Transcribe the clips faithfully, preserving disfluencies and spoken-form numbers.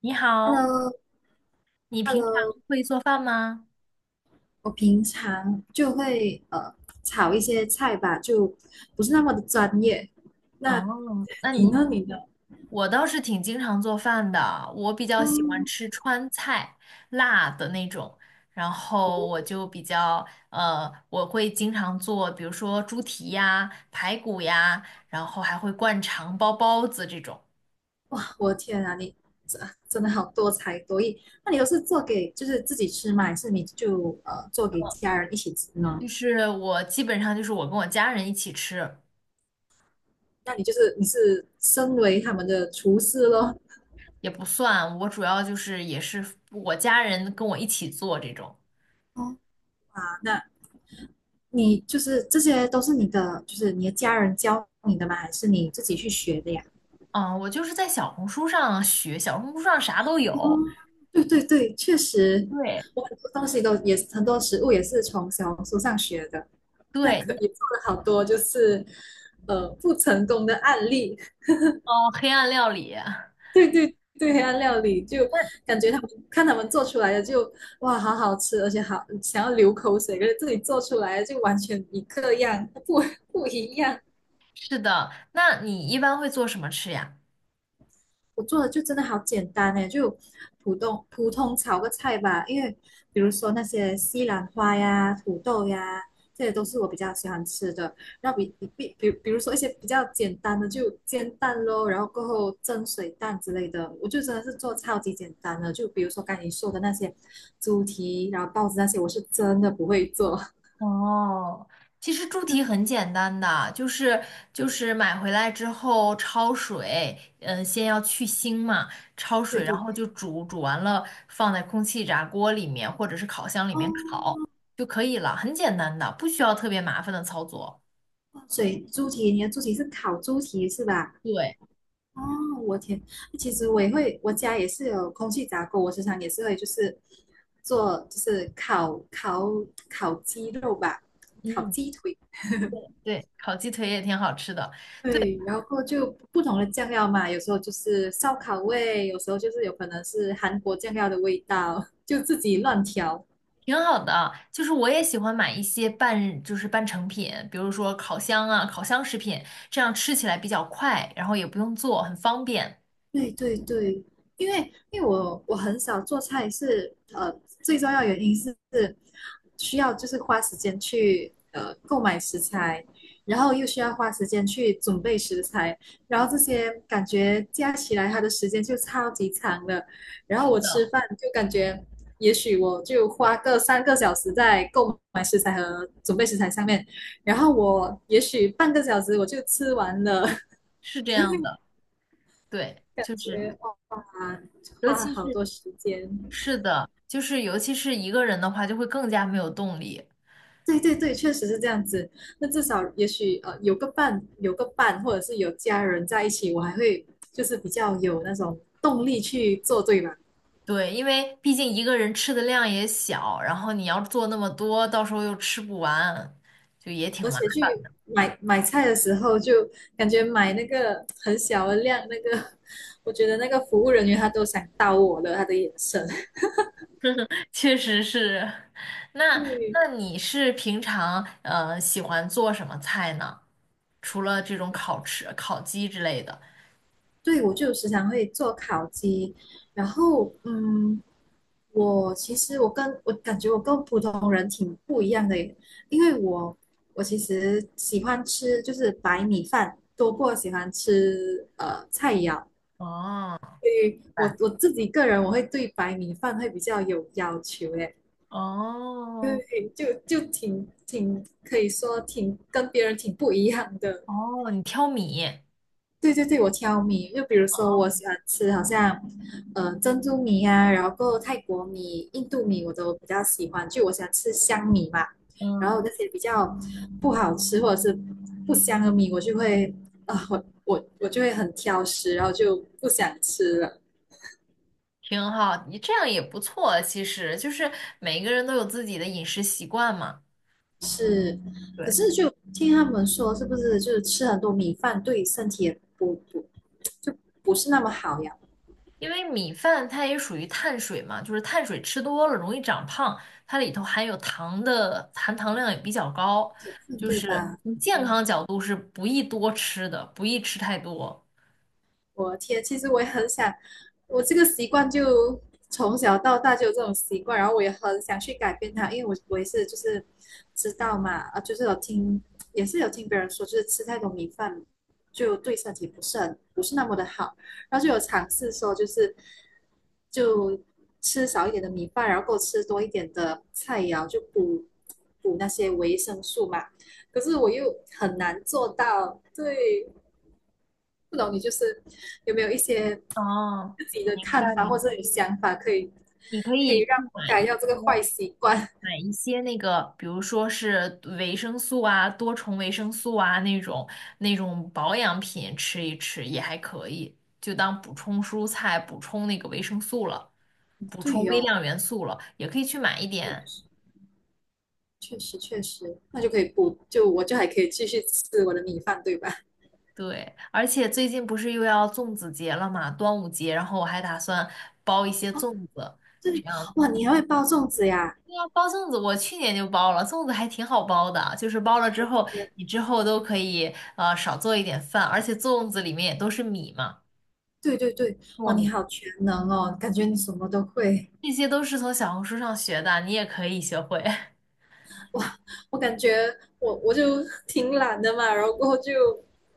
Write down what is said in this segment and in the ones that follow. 你好，Hello,Hello,你平常会做饭吗？我平常就会呃炒一些菜吧，就不是那么的专业。哦，那那你你，呢？你的我倒是挺经常做饭的，我比较喜欢嗯，吃川菜，辣的那种，然后我哦就比较，呃，我会经常做，比如说猪蹄呀、排骨呀，然后还会灌肠、包包子这种，哇，我的天啊，你真真的好多才多艺。那你都是做给就是自己吃吗？还是你就呃做给家人一起吃呢？就是我基本上就是我跟我家人一起吃，那你就是你是身为他们的厨师咯。也不算，我主要就是也是我家人跟我一起做这种。哦，啊那你就是这些都是你的，就是你的家人教你的吗？还是你自己去学的呀？嗯，我就是在小红书上学，小红书上啥都哦有。对对对，确实，对我很多东西都也很多食物也是从小红书上学的，那对，可也做了好多就是呃不成功的案例。哦，黑暗料理，对对对，黑暗料理就那感觉他们看他们做出来的就哇好好吃，而且好想要流口水，可是自己做出来的就完全一个样，不不一样。是的。那你一般会做什么吃呀？我做的就真的好简单诶，就普通普通炒个菜吧。因为比如说那些西兰花呀、土豆呀，这些都是我比较喜欢吃的。那比比比比，比如说一些比较简单的，就煎蛋咯，然后过后蒸水蛋之类的，我就真的是做超级简单的。就比如说刚才你说的那些猪蹄，然后包子那些，我是真的不会做。哦，其实猪蹄很简单的，就是就是买回来之后焯水，嗯，先要去腥嘛，焯 对水，对然后对，就煮，煮完了放在空气炸锅里面或者是烤箱里面哦，烤就可以了，很简单的，不需要特别麻烦的操作。所以猪蹄，你的猪蹄是烤猪蹄是吧？对，哦，我天，其实我也会，我家也是有空气炸锅，我时常也是会就是做就是烤烤烤鸡肉吧，烤嗯。鸡腿，对，烤鸡腿也挺好吃的，对，对，然后就不同的酱料嘛，有时候就是烧烤味，有时候就是有可能是韩国酱料的味道，就自己乱调。挺好的啊。就是我也喜欢买一些半，就是半成品，比如说烤箱啊、烤箱食品，这样吃起来比较快，然后也不用做，很方便。对对对，因为因为我我很少做菜是，呃最重要原因是是需要就是花时间去呃购买食材，然后又需要花时间去准备食材，然后这些感觉加起来它的时间就超级长了，然后是我的，吃饭就感觉也许我就花个三个小时在购买食材和准备食材上面，然后我也许半个小时我就吃完了，是这样的，对，感就是觉。啊，尤花了其好是多时间。是的，就是尤其是一个人的话，就会更加没有动力。对对对，确实是这样子。那至少也许呃有个伴，有个伴，或者是有家人在一起，我还会就是比较有那种动力去做，对吧？对，因为毕竟一个人吃的量也小，然后你要做那么多，到时候又吃不完，就也挺而麻且烦去买买菜的时候，就感觉买那个很小的量，那个 我觉得那个服务人员他都想刀我了，他的眼神。确实是。那对，那你是平常呃喜欢做什么菜呢？除了这种烤翅、烤鸡之类的。对，我就时常会做烤鸡，然后嗯，我其实我跟我感觉我跟普通人挺不一样的耶因为我我其实喜欢吃就是白米饭多过喜欢吃呃菜肴，哦，明所以我白我自己个人我会对白米饭会比较有要求诶，哦对，就就挺挺可以说挺跟别人挺不一样的。哦，你挑米，对对对，我挑米，就比如说我喜欢吃好像，呃，珍珠米啊，然后够泰国米、印度米我都比较喜欢，就我喜欢吃香米嘛。然后嗯，那些比较不好吃或者是不香的米，我就会啊、我我我就会很挑食，然后就不想吃了。挺好，你这样也不错。其实就是每个人都有自己的饮食习惯嘛。是，可对。是就听他们说，是不是就是吃很多米饭对身体也不不就不是那么好呀？因为米饭它也属于碳水嘛，就是碳水吃多了容易长胖，它里头含有糖的含糖量也比较高，嗯，就对是吧？从健康角度是不宜多吃的，不宜吃太多。我的天，其实我也很想，我这个习惯就从小到大就有这种习惯，然后我也很想去改变它，因为我我也是就是知道嘛，啊，就是有听也是有听别人说，就是吃太多米饭就对身体不是很不是那么的好，然后就有尝试说就是就吃少一点的米饭，然后够吃多一点的菜肴，就补补那些维生素嘛，可是我又很难做到，对，不懂你就是有没有一些哦，自己的明看白法或明者白。你想法，可以你可可以以让去我买改一掉这个坏习惯？买一些那个，比如说是维生素啊、多重维生素啊那种那种保养品吃一吃也还可以，就当补充蔬菜、补充那个维生素了。补充对微哦，量元素了，也可以去买一确点。实确实确实，那就可以补，就我就还可以继续吃我的米饭，对吧？对，而且最近不是又要粽子节了嘛，端午节，然后我还打算包一些粽子，这对，样。哇，你还会包粽子呀？对啊，包粽子我去年就包了，粽子还挺好包的，就是包了之后，你之后都可以呃少做一点饭，而且粽子里面也都是米嘛，对对对，哇，糯你米，好全能哦，感觉你什么都会。这些都是从小红书上学的，你也可以学会，哇，我感觉我我就挺懒的嘛，然后过后就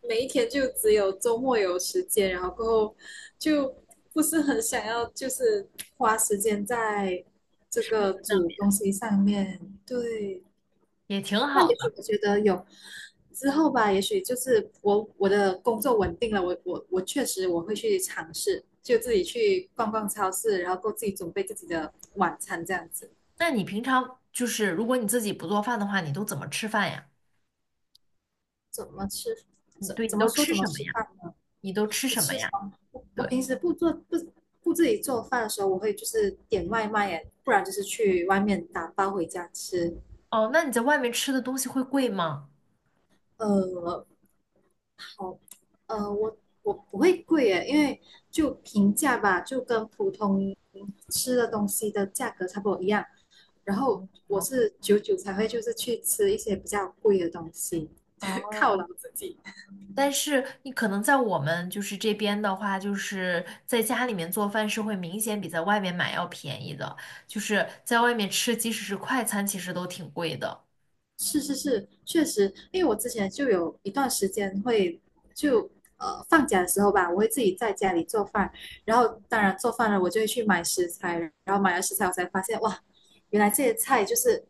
每一天就只有周末有时间，然后过后就不是很想要，就是花时间在这个那煮东西上面。对，也挺那好也的。许我觉得有之后吧，也许就是我我的工作稳定了，我我我确实我会去尝试，就自己去逛逛超市，然后够自己准备自己的晚餐这样子，那你平常就是如果你自己不做饭的话，你都怎么吃饭呀？怎么吃，你怎对，你怎么都说吃怎么什么吃呀？饭呢？你都吃我什么吃什呀？么，我我对，平时不做不不自己做饭的时候，我会就是点外卖耶，不然就是去外面打包回家吃。哦，那你在外面吃的东西会贵吗？呃，好，呃，我我不会贵耶，因为就平价吧，就跟普通吃的东西的价格差不多一样。然后我是久久才会就是去吃一些比较贵的东西，犒哦，劳自己。但是你可能在我们就是这边的话，就是在家里面做饭是会明显比在外面买要便宜的，就是在外面吃，即使是快餐，其实都挺贵的。是是是，确实，因为我之前就有一段时间会就呃放假的时候吧，我会自己在家里做饭，然后当然做饭了，我就会去买食材，然后买了食材，我才发现哇，原来这些菜就是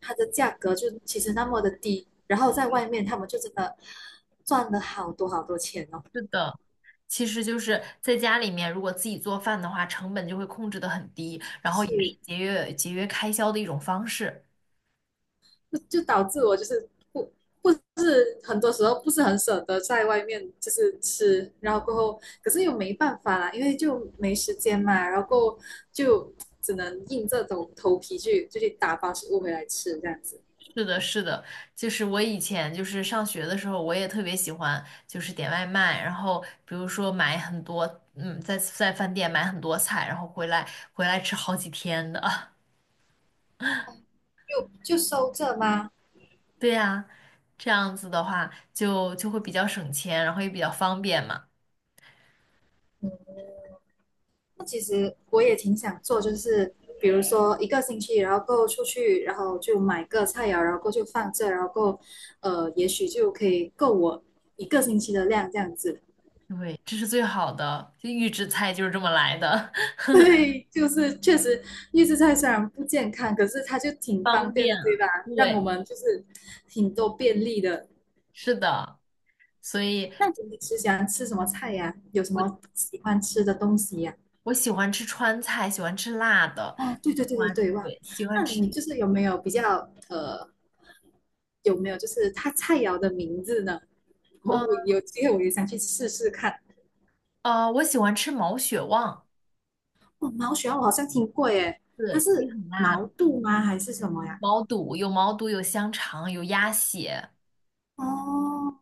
它的价格就其实那么的低，然后在外面他们就真的赚了好多好多钱哦，是的，其实就是在家里面，如果自己做饭的话，成本就会控制得很低，然后也是是节约节约开销的一种方式。就就导致我就是不不是很多时候不是很舍得在外面就是吃，然后过后可是又没办法啦，因为就没时间嘛，然后过后就只能硬着头头皮去就去打包食物回来吃这样子，是的，是的，就是我以前就是上学的时候，我也特别喜欢就是点外卖，然后比如说买很多，嗯，在在饭店买很多菜，然后回来回来吃好几天的。就收这吗？对呀，这样子的话就就会比较省钱，然后也比较方便嘛。那其实我也挺想做，就是比如说一个星期，然后够出去，然后就买个菜肴，然后够就放这，然后够呃也许就可以够我一个星期的量这样子。对，这是最好的，就预制菜就是这么来的，对，就是确实预制菜虽然不健康，可是它就挺方方便便的，对啊吧？让我对，们就是挺多便利的。是的，所以那你平时喜欢吃什么菜呀？有什我么喜欢吃的东西呀？我喜欢吃川菜，喜欢吃辣的，哦，对对喜对对欢对，忘了。对，喜欢那你吃。就是有没有比较呃，有没有就是它菜肴的名字呢？我嗯，我有机会我也想去试试看。呃，我喜欢吃毛血旺，哦，毛血旺我好像听过耶，它对，就是是很辣，毛肚吗？还是什么呀？毛肚有毛肚，有香肠，有鸭血。哦，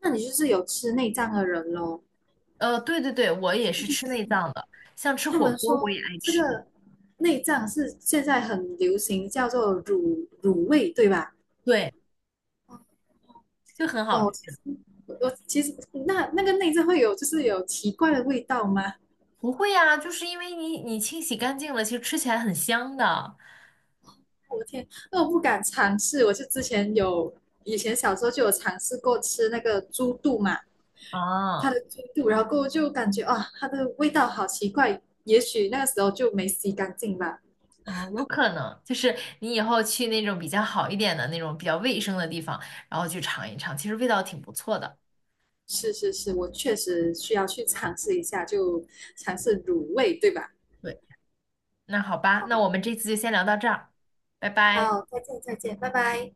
那你就是有吃内脏的人喽？呃，对对对，我也是去吃吃内脏的，像吃他火们锅我说也爱这吃，个内脏是现在很流行，叫做乳乳味，对吧？对，就很好哦，我其吃。实我其实那那个内脏会有就是有奇怪的味道吗？不会呀、就是因为你你清洗干净了，其实吃起来很香的我的天，那我不敢尝试。我就之前有以前小时候就有尝试过吃那个猪肚嘛，它啊的猪肚，然后过后就感觉啊，它的味道好奇怪。也许那个时候就没洗干净吧。啊，有可能就是你以后去那种比较好一点的那种比较卫生的地方，然后去尝一尝，其实味道挺不错的。是是是，我确实需要去尝试一下，就尝试卤味，对吧？对，那好吧，那好。我们这次就先聊到这儿，拜拜。好，再见，再见，拜拜。